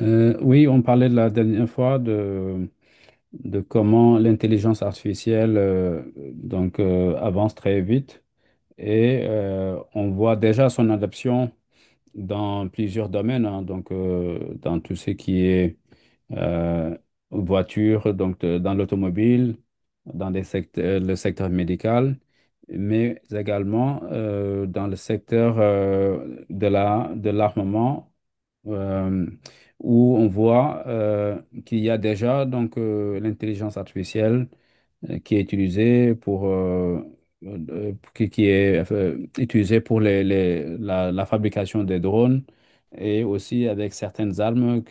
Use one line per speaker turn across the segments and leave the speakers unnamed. Oui, on parlait de la dernière fois de comment l'intelligence artificielle avance très vite et on voit déjà son adoption dans plusieurs domaines, hein, donc dans tout ce qui est euh, voitures, dans l'automobile, le secteur médical, mais également dans le secteur de l'armement, euh, où on voit qu'il y a déjà l'intelligence artificielle qui est utilisée pour, qui est utilisée pour la fabrication des drones et aussi avec certaines armes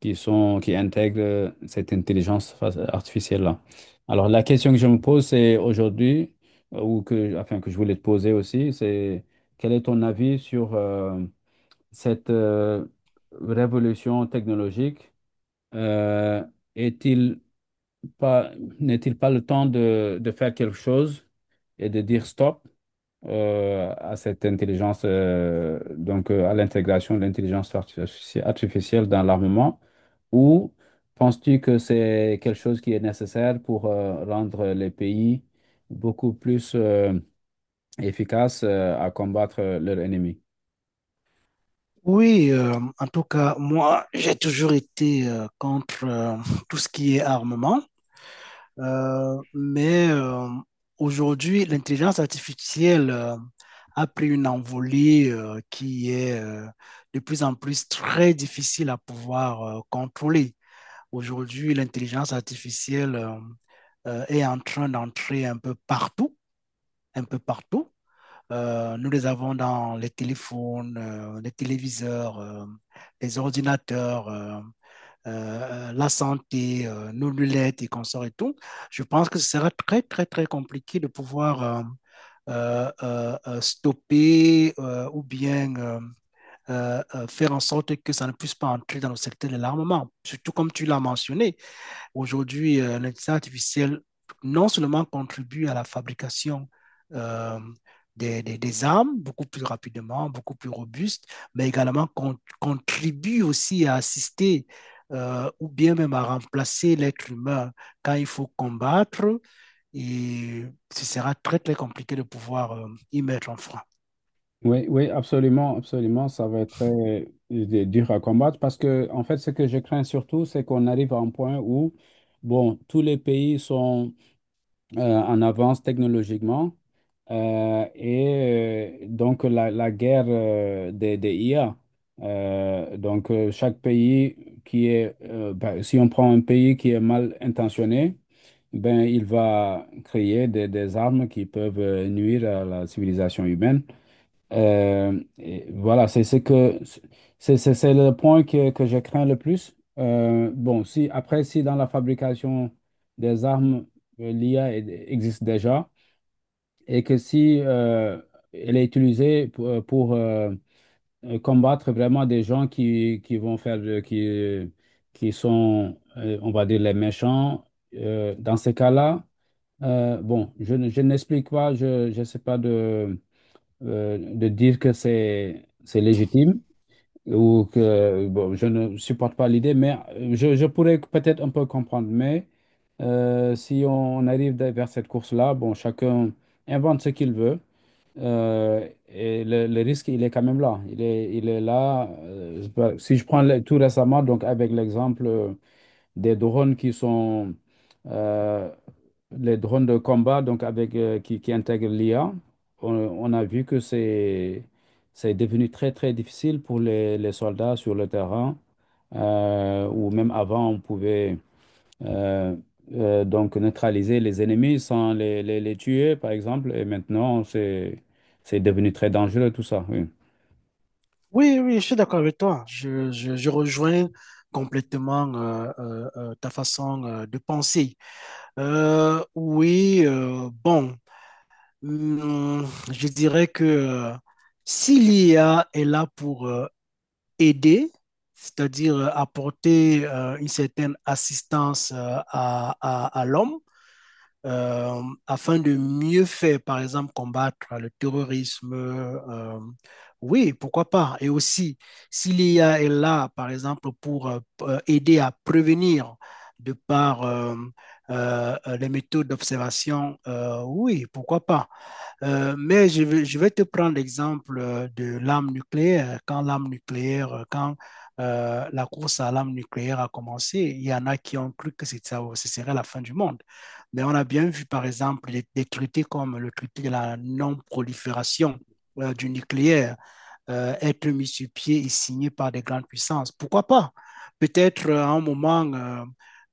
qui intègrent cette intelligence artificielle-là. Alors, la question que je me pose, c'est aujourd'hui, que je voulais te poser aussi, c'est quel est ton avis sur cette révolution technologique? Euh, est-il pas, N'est-il pas le temps de faire quelque chose et de dire stop à cette intelligence, à l'intégration de l'intelligence artificielle dans l'armement, ou penses-tu que c'est quelque chose qui est nécessaire pour rendre les pays beaucoup plus efficaces à combattre leur ennemi?
Oui, en tout cas, moi, j'ai toujours été contre tout ce qui est armement. Euh, mais euh, Aujourd'hui, l'intelligence artificielle a pris une envolée qui est de plus en plus très difficile à pouvoir contrôler. Aujourd'hui, l'intelligence artificielle est en train d'entrer un peu partout, un peu partout. Nous les avons dans les téléphones, les téléviseurs, les ordinateurs, la santé, nos lunettes et consorts et tout. Je pense que ce sera très, très, très compliqué de pouvoir stopper ou bien faire en sorte que ça ne puisse pas entrer dans le secteur de l'armement. Surtout comme tu l'as mentionné, aujourd'hui, l'intelligence artificielle non seulement contribue à la fabrication euh, des armes beaucoup plus rapidement, beaucoup plus robuste, mais également contribue aussi à assister, ou bien même à remplacer l'être humain quand il faut combattre. Et ce sera très, très compliqué de pouvoir y mettre un frein.
Oui, oui, absolument, absolument. Ça va être très dur à combattre parce que, en fait, ce que je crains surtout, c'est qu'on arrive à un point où, bon, tous les pays sont en avance technologiquement. Donc la guerre des IA. Chaque pays qui est, bah, si on prend un pays qui est mal intentionné, ben, il va créer des armes qui peuvent nuire à la civilisation humaine. Et voilà, c'est ce que c'est le point que je crains le plus. Bon, si après, si dans la fabrication des armes, existe déjà et que si elle est utilisée pour combattre vraiment des gens qui vont faire de- qui sont, on va dire, les méchants, dans ces cas-là, bon, je n'explique pas, je ne sais pas de dire que c'est légitime ou que bon, je ne supporte pas l'idée, mais je pourrais peut-être un peu comprendre. Mais si on arrive vers cette course-là, bon, chacun invente ce qu'il veut. Et le risque, il est quand même là. Il est là. Je sais pas, si je tout récemment, donc avec l'exemple. Des drones qui sont euh, les drones de combat, donc avec, qui intègrent l'IA. On a vu c'est devenu très, très difficile pour les soldats sur le terrain, ou même avant, on pouvait euh, donc neutraliser les ennemis sans les tuer, par exemple, et maintenant, c'est devenu très dangereux tout ça. Oui,
Oui, oui, je suis d'accord avec toi. Je rejoins complètement ta façon de penser. Oui, bon, je dirais que, si l'IA est là pour, aider, c'est-à-dire apporter une certaine assistance à, à l'homme, afin de mieux faire, par exemple, combattre le terrorisme. Oui, pourquoi pas. Et aussi, si l'I a est là, par exemple, pour aider à prévenir de par les méthodes d'observation. Oui, pourquoi pas. Mais je vais te prendre l'exemple de l'arme nucléaire. Quand l'arme nucléaire, quand la course à l'arme nucléaire a commencé, il y en a qui ont cru que ce serait la fin du monde. Mais on a bien vu, par exemple, des traités comme le traité de la non-prolifération du nucléaire, être mis sur pied et signé par des grandes puissances. Pourquoi pas. Peut-être à un moment, euh,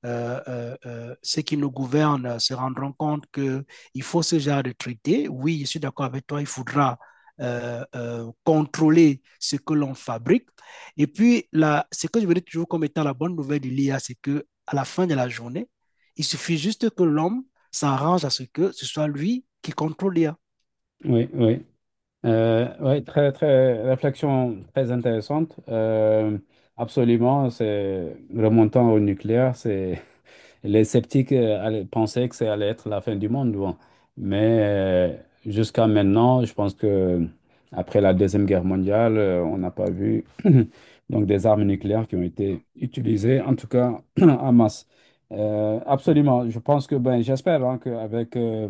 euh, euh, euh, ceux qui nous gouvernent se rendront compte qu'il faut ce genre de traité. Oui, je suis d'accord avec toi, il faudra contrôler ce que l'on fabrique. Et puis, là, ce que je veux dire toujours comme étant la bonne nouvelle de l'IA, c'est que à la fin de la journée, il suffit juste que l'homme s'arrange à ce que ce soit lui qui contrôle l'IA.
oui, oui. Oui, très, très, réflexion très intéressante. Absolument, c'est remontant au nucléaire, c'est les sceptiques pensaient que ça allait être la fin du monde. Bon. Mais jusqu'à maintenant, je pense que après la Deuxième Guerre mondiale, on n'a pas vu donc des armes nucléaires qui ont été utilisées, en tout cas en masse. Absolument. Je pense que, ben, j'espère hein, qu'avec euh,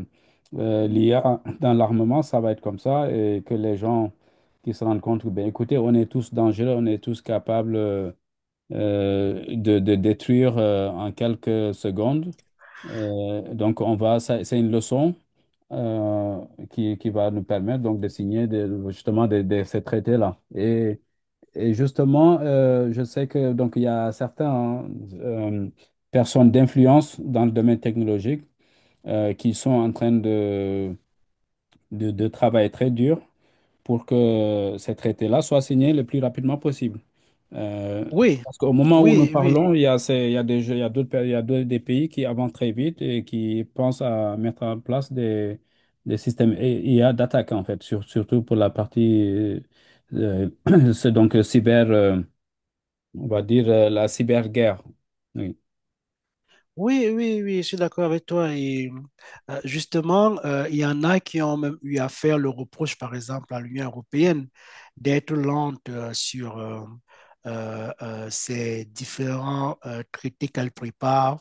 euh, l'IA dans l'armement, ça va être comme ça et que les gens qui se rendent compte que, ben, écoutez, on est tous dangereux, on est tous capables. De détruire en quelques secondes. Donc, on va, c'est une leçon euh, qui va nous permettre donc de signer justement de ces traités-là. Et justement, je sais que donc il y a certaines personnes d'influence dans le domaine technologique qui sont en train de travailler très dur pour que ces traités-là soient signés le plus rapidement possible. Euh,
Oui,
Parce qu'au moment où nous
oui, oui,
parlons, il y a, ces- il y a des jeux- il y a d'autres, pays- il y a d'autres- des pays qui avancent très vite et qui pensent à mettre en place des systèmes IA d'attaque, en fait, surtout pour la partie, euh, c'est donc cyber, on va dire la cyberguerre. Oui.
oui, oui, oui, je suis d'accord avec toi. Et justement, il y en a qui ont même eu à faire le reproche, par exemple, à l'Union européenne d'être lente sur ces différents traités qu'elle prépare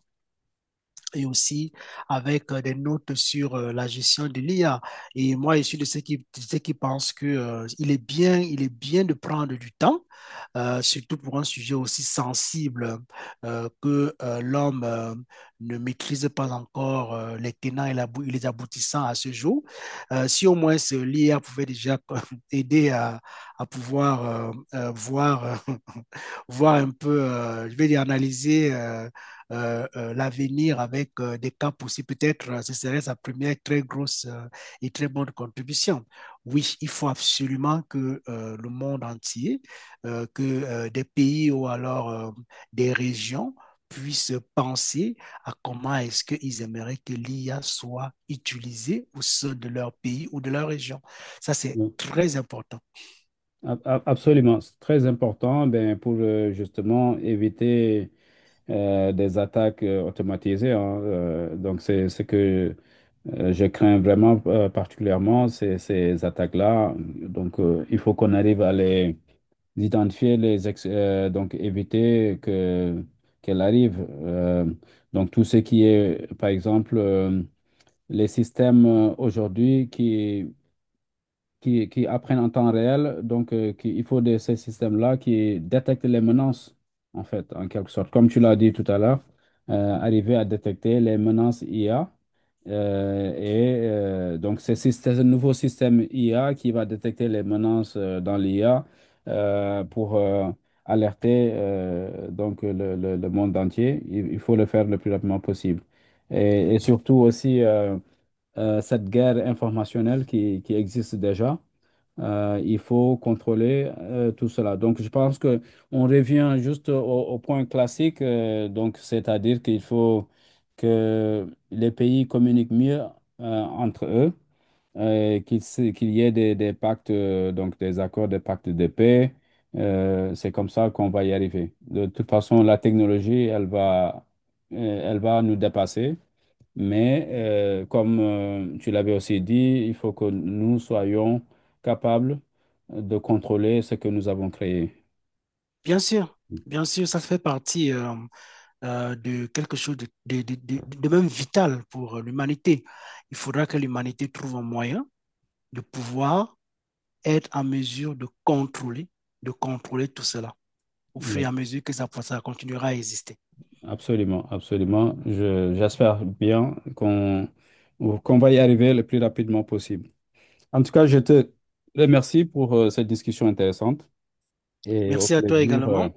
et aussi avec des notes sur la gestion de l'IA. Et moi, je suis de ceux qui pensent que, il est bien de prendre du temps, surtout pour un sujet aussi sensible que l'homme ne maîtrise pas encore les tenants et et les aboutissants à ce jour. Si au moins ce l'IA pouvait déjà aider à pouvoir voir, voir un peu, je vais dire, analyser l'avenir avec des caps aussi. Peut-être ce serait sa première très grosse et très bonne contribution. Oui, il faut absolument que le monde entier, que des pays ou alors des régions puissent penser à comment est-ce qu'ils aimeraient que l'IA soit utilisée au sein de leur pays ou de leur région. Ça, c'est
Oui.
très important.
Absolument, c'est très important ben, pour justement éviter des attaques automatisées. Hein, donc, c'est ce que je crains vraiment particulièrement, ces attaques-là. Donc, il faut qu'on arrive à les identifier, donc éviter que qu'elles arrivent. Donc, tout ce qui est, par exemple, les systèmes aujourd'hui qui apprennent en temps réel. Donc, il faut de ces systèmes-là qui détectent les menaces, en fait, en quelque sorte. Comme tu l'as dit tout à l'heure, arriver à détecter les menaces IA. euh, et donc, c'est ce nouveau système IA qui va détecter les menaces dans l'IA pour alerter donc le monde entier. Il faut le faire le plus rapidement possible. Et surtout aussi cette guerre informationnelle qui existe déjà. Il faut contrôler tout cela. Donc, je pense que on revient juste au point classique, donc c'est-à-dire qu'il faut que les pays communiquent mieux entre eux, qu'il y ait des pactes, donc des accords, des pactes de paix. C'est comme ça qu'on va y arriver. De toute façon, la technologie, elle va nous dépasser. Mais comme tu l'avais aussi dit, il faut que nous soyons capables de contrôler ce que nous avons créé.
Bien sûr, bien sûr, ça fait partie de quelque chose de, de même vital pour l'humanité. Il faudra que l'humanité trouve un moyen de pouvoir être en mesure de contrôler tout cela au fur et à
Oui.
mesure que ça continuera à exister.
Absolument, absolument. J'espère bien qu'on va y arriver le plus rapidement possible. En tout cas, je te remercie pour cette discussion intéressante et au
Merci à toi
plaisir
également.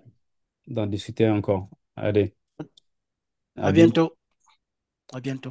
d'en discuter encore. Allez, à
À
bientôt.
bientôt. À bientôt.